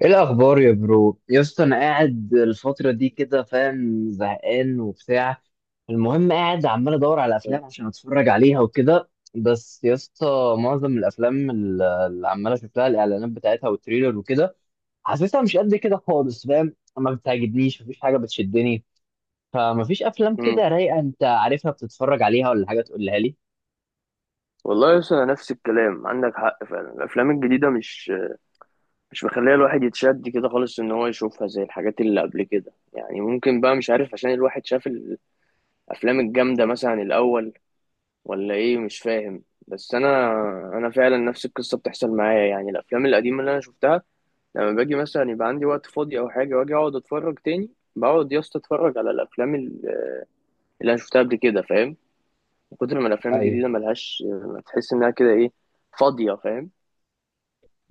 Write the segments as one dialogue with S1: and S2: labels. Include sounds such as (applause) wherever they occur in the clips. S1: ايه الاخبار يا برو يا اسطى؟ انا قاعد الفتره دي كده فاهم زهقان وبتاع. المهم قاعد عمال ادور على افلام عشان اتفرج عليها وكده. بس يا اسطى معظم الافلام اللي عمال اشوف لها الاعلانات بتاعتها والتريلر وكده، حاسسها مش قد كده خالص فاهم، ما بتعجبنيش، مفيش حاجه بتشدني. فمفيش افلام
S2: مم.
S1: كده رايقه انت عارفها بتتفرج عليها ولا حاجه تقولها لي؟
S2: والله يا اسطى، نفس الكلام، عندك حق فعلا. الافلام الجديده مش مخليه الواحد يتشد كده خالص ان هو يشوفها زي الحاجات اللي قبل كده. يعني ممكن بقى، مش عارف، عشان الواحد شاف الافلام الجامده مثلا الاول، ولا ايه؟ مش فاهم. بس انا فعلا نفس القصه بتحصل معايا. يعني الافلام القديمه اللي انا شفتها، لما باجي مثلا يبقى عندي وقت فاضي او حاجه واجي اقعد اتفرج تاني، بقعد يا اسطى اتفرج على الافلام اللي انا شفتها قبل كده، فاهم؟ من كتر ما الافلام
S1: ايوه
S2: الجديده ملهاش، تحس انها كده، ايه، فاضيه، فاهم؟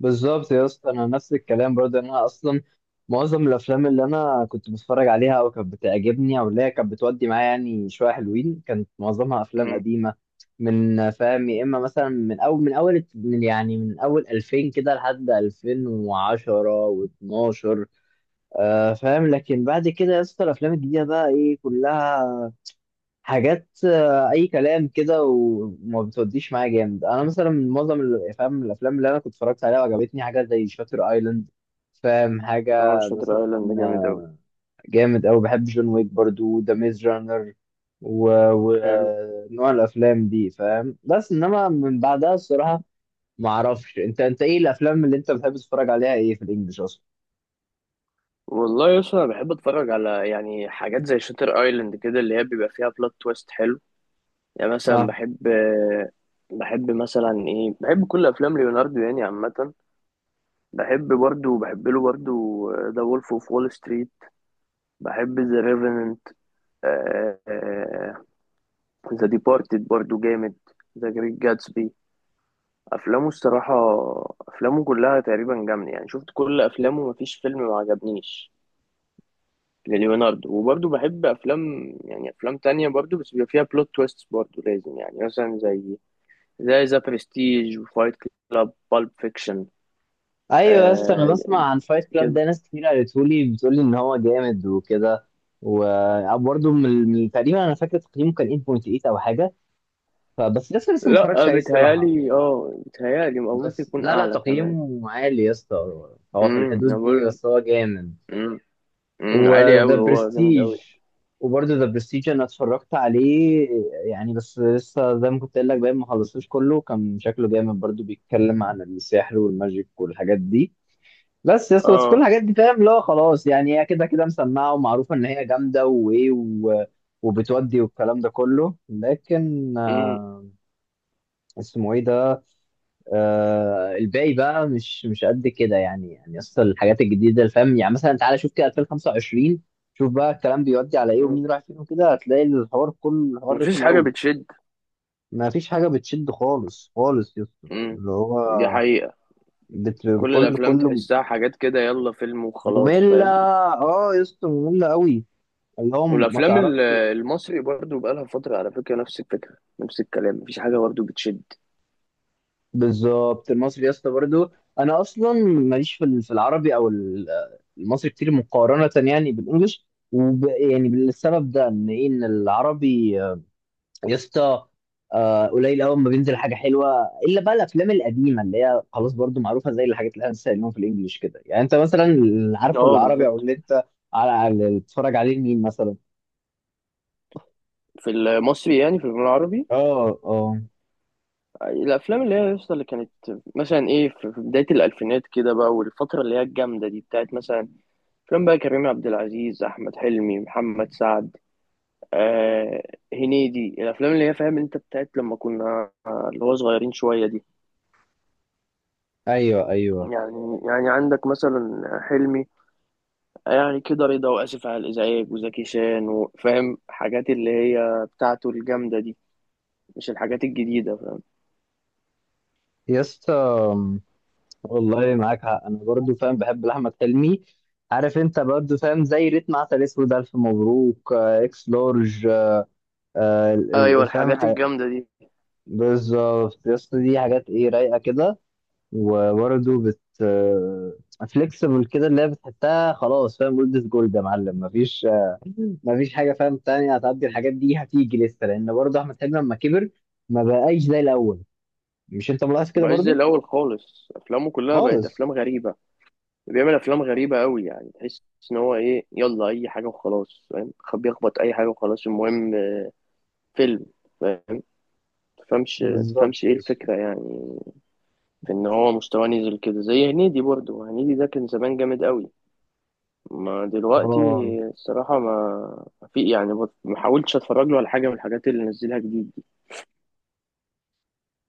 S1: بالظبط يا اسطى، انا نفس الكلام برضه، إن انا اصلا معظم الافلام اللي انا كنت بتفرج عليها او كانت بتعجبني او اللي هي كانت بتودي معايا يعني شويه حلوين، كانت معظمها افلام
S2: امم.
S1: قديمه، من فاهم يا اما مثلا من اول 2000 كده لحد 2010 و12. آه فاهم، لكن بعد كده يا اسطى الافلام الجديده بقى ايه؟ كلها حاجات اي كلام كده وما بتوديش معايا جامد. انا مثلا معظم فاهم الافلام اللي انا كنت اتفرجت عليها وعجبتني حاجه زي شاتر ايلاند، فاهم حاجه
S2: اه، شاتر
S1: مثلا.
S2: ايلاند ده جامد
S1: آه،
S2: اوي.
S1: جامد أوي، بحب جون ويك برضو، ذا ميز رانر،
S2: حلو.
S1: ونوع الافلام دي فاهم، بس انما من بعدها الصراحه ما اعرفش. انت ايه الافلام اللي انت بتحب تتفرج عليها، ايه في الانجليش اصلا؟
S2: والله يا اسطى، انا بحب اتفرج على، يعني، حاجات زي شاتر ايلاند كده، اللي هي بيبقى فيها بلوت تويست حلو. يعني مثلا بحب، بحب مثلا ايه بحب كل افلام ليوناردو يعني عامه. بحب برضو، بحب له برضو ذا وولف اوف وول ستريت. بحب ذا ريفننت. ذا ديبارتد برضو جامد. ذا جريت جاتسبي. افلامه الصراحه، افلامه كلها تقريبا جامده. يعني شفت كل افلامه، مفيش فيلم ما عجبنيش لليوناردو. وبرضه بحب افلام، يعني افلام تانية برضه، بس بيبقى فيها بلوت تويست برضه لازم. يعني مثلا زي ذا برستيج وفايت كلاب، بالب فيكشن.
S1: ايوه، بس انا
S2: آه
S1: بسمع عن فايت كلاب
S2: كده.
S1: ده، ناس كتير قالتهولي بتقولي ان هو جامد وكده. وبرضه تقريبا انا فاكر تقييمه كان 8.8 او حاجه، فبس لسه ما
S2: لا،
S1: اتفرجتش
S2: آه،
S1: عليه الصراحه.
S2: بيتهيالي، او ممكن
S1: بس
S2: يكون
S1: لا
S2: اعلى كمان.
S1: تقييمه عالي يا اسطى، هو في
S2: انا
S1: الحدود دي،
S2: بقول لك.
S1: بس هو جامد.
S2: امم. عالي
S1: وذا
S2: قوي، هو جامد قوي.
S1: برستيج، وبرضه ذا برستيج انا اتفرجت عليه يعني، بس لسه زي ما كنت قايل لك باين ما خلصتوش كله. كان شكله جامد برضه، بيتكلم عن السحر والماجيك والحاجات دي. بس يا اسطى بس كل
S2: اه.
S1: الحاجات دي فاهم لا خلاص، يعني هي كده كده مسمعه ومعروفه ان هي جامده وايه وبتودي والكلام ده كله، لكن
S2: امم.
S1: آه اسمه ايه ده؟ آه الباقي بقى مش قد كده يعني. يعني اصل الحاجات الجديده اللي فاهم، يعني مثلا تعالى شوف كده 2025، شوف بقى الكلام بيودي على ايه
S2: أمم.
S1: ومين رايح فين وكده، هتلاقي الحوار كله، الحوار
S2: مفيش
S1: رخم
S2: حاجة
S1: قوي.
S2: بتشد.
S1: ما فيش حاجه بتشد خالص خالص يا اسطى،
S2: امم.
S1: اللي هو
S2: دي حقيقة.
S1: بت...
S2: كل
S1: كل
S2: الافلام
S1: كله
S2: تحسها حاجات كده، يلا فيلم وخلاص،
S1: ممله.
S2: فاهم؟
S1: اه يا اسطى ممله قوي، اللي هو ما
S2: والافلام
S1: تعرفش.
S2: المصري برضو بقالها فتره. على فكره، نفس الفكره، نفس الكلام، مفيش حاجه برضو بتشد.
S1: بالظبط المصري يا اسطى برضه، انا اصلا ماليش في في العربي او المصري كتير، مقارنه يعني بالانجلش، يعني بالسبب ده ان ايه، ان العربي يا اسطى قليل قوي ما بينزل حاجه حلوه، الا بقى الافلام القديمه اللي هي خلاص برضه معروفه زي الحاجات اللي احنا لسه قايلينهم في الانجليش كده. يعني انت مثلا اللي عارفه
S2: اه،
S1: العربي او
S2: بالظبط.
S1: اللي انت اللي بتتفرج عليه مين مثلا؟
S2: في المصري، يعني في الفيلم العربي.
S1: اه اه.
S2: الافلام اللي هي لسه، اللي كانت مثلا ايه، في بدايه الالفينات كده بقى، والفتره اللي هي الجامده دي بتاعت مثلا افلام بقى كريم عبد العزيز، احمد حلمي، محمد سعد، آه هنيدي، الافلام اللي هي، فاهم انت، بتاعت لما كنا، اللي هو صغيرين شويه دي.
S1: ايوه ايوه
S2: يعني عندك مثلا حلمي، يعني كده، رضا وآسف على الإزعاج، وزكي شان، وفاهم، حاجات اللي هي بتاعته الجامدة دي. مش الحاجات الجديدة، فاهم؟
S1: يا اسطى، والله معاك حق، انا برضو فاهم بحب لاحمد حلمي، عارف، انت برضو فاهم زي ريتم، عسل اسود، الف مبروك، اكس لارج،
S2: أيوة،
S1: فاهم
S2: الحاجات
S1: حاجة.
S2: الجامدة دي
S1: بالظبط يا اسطى، دي حاجات ايه، رايقه كده، وبرضو فليكسبل كده، اللي هي بتحسها خلاص فاهم، جولد، جولد يا معلم، مفيش مفيش حاجه فاهم تانية هتعدي الحاجات دي، هتيجي لسه. لان برضو احمد حلمي لما كبر ما بقاش زي الاول، مش انت ملاحظ كده
S2: بعز
S1: برضو؟
S2: الأول خالص. أفلامه كلها بقت
S1: خالص.
S2: أفلام غريبة. بيعمل أفلام غريبة أوي، يعني تحس إن هو إيه، يلا أي حاجة وخلاص، فاهم؟ بيخبط أي حاجة وخلاص، المهم فيلم، فاهم؟ تفهمش تفهمش
S1: بالظبط
S2: إيه
S1: يا اسطى.
S2: الفكرة يعني، في إن هو مستواه نزل كده. زي هنيدي برضه، هنيدي ده كان زمان جامد أوي، ما دلوقتي
S1: اه
S2: الصراحة ما في، يعني بص، ما حاولتش اتفرج له على حاجة من الحاجات اللي نزلها جديد دي.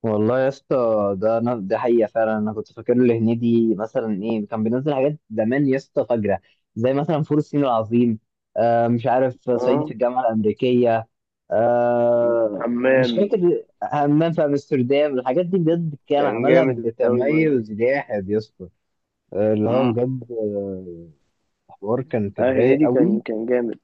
S1: والله يا اسطى، ده انا ده حقيقه فعلا، انا كنت فاكر له هنيدي مثلا ايه، كان بينزل حاجات زمان يا اسطى فجره، زي مثلا فول الصين العظيم، آه مش عارف صعيدي في
S2: اه،
S1: الجامعه الامريكيه، آه مش
S2: حمام
S1: فاكر، همام في امستردام، الحاجات دي بجد كان
S2: كان
S1: عملها
S2: جامد قوي برضه.
S1: بتميز جاحد يا اسطى. اللي هو
S2: امم.
S1: بجد، حوار كان
S2: اه،
S1: كان رايق
S2: هنيدي كان
S1: قوي
S2: كان جامد.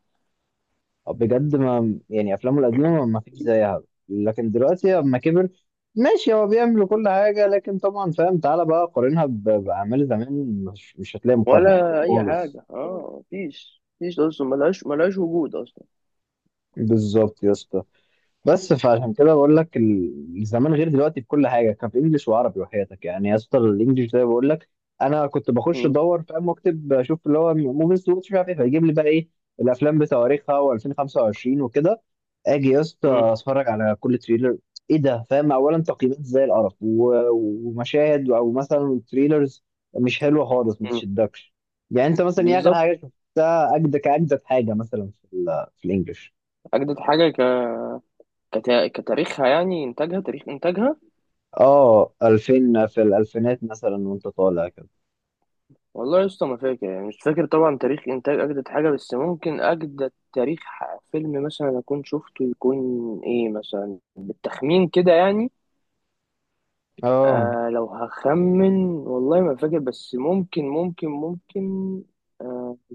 S1: بجد، ما يعني افلامه القديمه ما فيش زيها، لكن دلوقتي اما كبر ماشي هو بيعمل كل حاجه، لكن طبعا فاهم تعالى بقى قارنها باعمال زمان، مش هتلاقي مقارنه
S2: ولا اي
S1: خالص.
S2: حاجة، مفيش اصلا، ملهاش وجود اصلا.
S1: بالظبط يا اسطى، بس فعشان كده بقول لك زمان غير دلوقتي في كل حاجه، كان في انجلش وعربي وحياتك يعني يا اسطى. الانجليش ده بقول لك انا كنت بخش
S2: مم.
S1: ادور فاهم واكتب اشوف اللي هو موفيز واتش مش عارف ايه، فيجيب لي بقى ايه الافلام بتواريخها و2025 وكده. اجي يا اسطى
S2: مم.
S1: اتفرج على كل تريلر، ايه ده فاهم، اولا تقييمات زي القرف ومشاهد او مثلا تريلرز مش حلوه خالص ما
S2: مم.
S1: تشدكش. يعني انت مثلا ايه اخر حاجه
S2: بالظبط.
S1: شفتها، اجدد حاجه مثلا في في الانجليش؟
S2: اجدد حاجة كتاريخها، يعني انتاجها، تاريخ انتاجها.
S1: اه 2000 في الالفينات مثلا وانت طالع كده.
S2: والله يا اسطى، ما فاكر. يعني مش فاكر طبعا تاريخ انتاج اجدد حاجه. بس ممكن اجدد تاريخ فيلم مثلا اكون شفته، يكون ايه، مثلا بالتخمين كده يعني.
S1: اه
S2: لو هخمن، والله ما فاكر، بس ممكن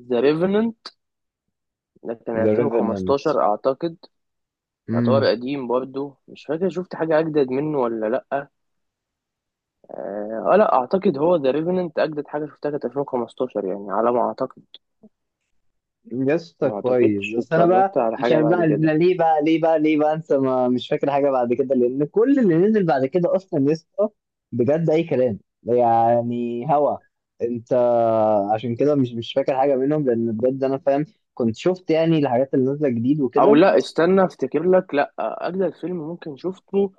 S2: ذا ريفننت ده كان
S1: ذا ريفننت،
S2: 2015 اعتقد. يعتبر
S1: امم،
S2: قديم برضو، مش فاكر شفت حاجه اجدد منه ولا لا، اه. لا اعتقد هو ذا ريفننت اجدد حاجه شفتها، كانت 2015 يعني على ما اعتقد.
S1: قصة
S2: ما
S1: كويس.
S2: اعتقدش
S1: بس انا
S2: اتفرجت
S1: بقى
S2: على حاجه
S1: عشان بقى
S2: بعد
S1: أنا
S2: كده.
S1: ليه بقى انسى، ما مش فاكر حاجه بعد كده، لان كل اللي نزل بعد كده اصلا يسطا بجد اي كلام يعني. هوا انت عشان كده مش فاكر حاجه منهم، لان بجد انا فاهم كنت شفت يعني الحاجات اللي نازله جديد
S2: او
S1: وكده.
S2: لا، استنى افتكر لك. لا، اجدد فيلم ممكن شفته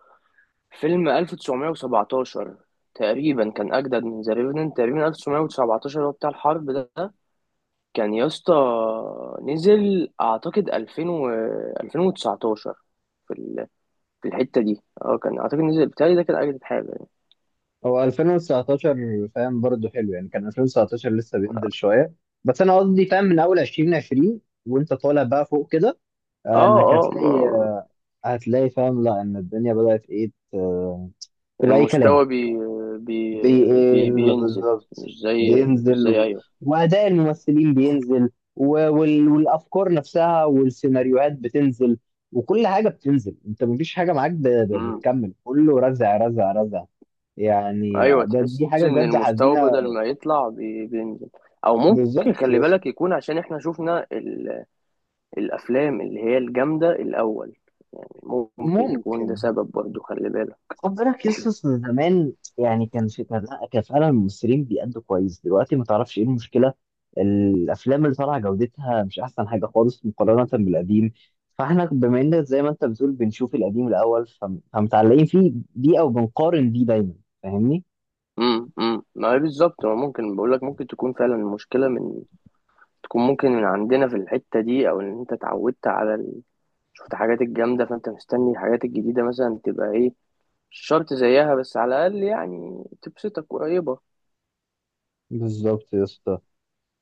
S2: فيلم 1917 تقريبا. كان اجدد من ذا ريفننت تقريبا. 1917 هو بتاع الحرب ده. كان يا اسطى، نزل اعتقد 2000 و 2019، في في الحته دي، كان اعتقد نزل بتاعي ده، كان اجدد حاجه يعني.
S1: هو 2019 فاهم برضه حلو يعني، كان 2019 لسه بينزل شويه، بس انا قصدي فاهم من اول 2020 وانت طالع بقى فوق كده
S2: اه.
S1: انك
S2: اه. ما
S1: هتلاقي، هتلاقي فاهم لا ان الدنيا بدات ايه تبقى اي كلام،
S2: المستوى بي بي بي
S1: بيقل
S2: بينزل،
S1: بالظبط،
S2: مش زي مش
S1: بينزل
S2: زي ايوه،
S1: واداء الممثلين بينزل والافكار نفسها والسيناريوهات بتنزل وكل حاجه بتنزل، انت مفيش حاجه معاك بتكمل، كله رزع رزع رزع، يعني
S2: ايوه، تحس
S1: دي حاجه
S2: ان
S1: بجد
S2: المستوى
S1: حزينه.
S2: بدل ما يطلع، بينزل. او ممكن،
S1: بالظبط يا
S2: خلي بالك،
S1: اسطى
S2: يكون عشان احنا شفنا الافلام اللي هي الجامده الاول. يعني ممكن يكون ده
S1: ممكن.
S2: سبب برضو، خلي بالك.
S1: خد بالك يا اسطى أصل زمان، يعني كان في لأ، كان فعلا الممثلين بيأدوا كويس، دلوقتي ما تعرفش ايه المشكله، الافلام اللي طالعه جودتها مش احسن حاجه خالص مقارنه بالقديم، فاحنا بما ان زي ما انت بتقول بنشوف القديم الاول فمتعلقين فيه بيه او بنقارن بيه دايما، فاهمني.
S2: ما هي بالظبط. هو ممكن، بقول لك، ممكن تكون فعلا المشكله من، تكون ممكن من عندنا في الحته دي، او ان انت اتعودت على شفت حاجات الجامده، فانت مستني الحاجات الجديده مثلا تبقى ايه. مش شرط زيها، بس على الاقل يعني تبسطك، قريبه.
S1: بالظبط يا اسطى،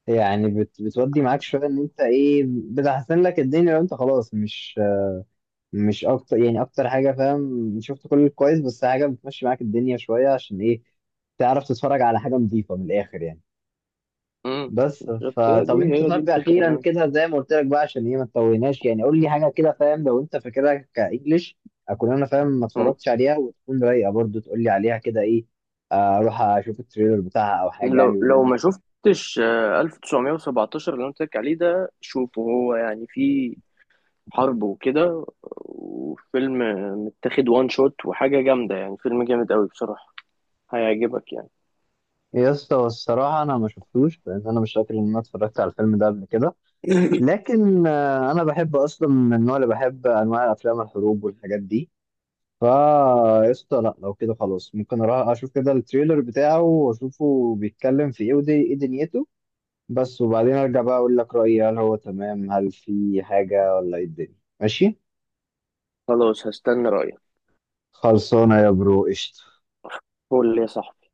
S1: يعني بتودي معاك شويه ان انت ايه، بتحسن لك الدنيا لو انت خلاص، مش اكتر يعني، اكتر حاجه فاهم شفت كل الكويس، بس حاجه بتمشي معاك الدنيا شويه عشان ايه، تعرف تتفرج على حاجه نظيفه من الاخر يعني.
S2: امم.
S1: بس
S2: بالظبط، هي
S1: فطب
S2: دي
S1: انت
S2: هي دي
S1: طب اخيرا
S2: الفكره.
S1: كده زي ما قلت لك بقى، عشان ايه ما تطولناش يعني، قول لي حاجه كده فاهم لو انت فاكرها كانجليش، اكون انا فاهم ما اتفرجتش عليها وتكون رايقه برضو، تقول لي عليها كده ايه، اروح اشوف التريلر بتاعها او حاجه، يعني
S2: لو
S1: بما
S2: لو
S1: انك.
S2: ما شفتش 1917 اللي انا قلت لك عليه ده، شوفه هو. يعني فيه حرب وكده، وفيلم متاخد وان شوت، وحاجة جامدة يعني، فيلم جامد قوي بصراحة، هيعجبك يعني.
S1: يا اسطى الصراحه انا ما شفتوش، لان انا مش فاكر ان انا اتفرجت على الفيلم ده قبل كده،
S2: (laughs)
S1: لكن انا بحب اصلا من النوع، اللي بحب انواع افلام الحروب والحاجات دي، فا قشطة. لا لو كده خلاص ممكن اروح اشوف كده التريلر بتاعه واشوفه بيتكلم في ايه ودي ايه دنيته، بس وبعدين ارجع بقى اقول لك رأيي، هل هو تمام، هل في حاجة، ولا ايه الدنيا ماشي.
S2: خلاص، هستنى رأيك.
S1: خلصانة يا برو قشطة.
S2: قول لي يا صاحبي.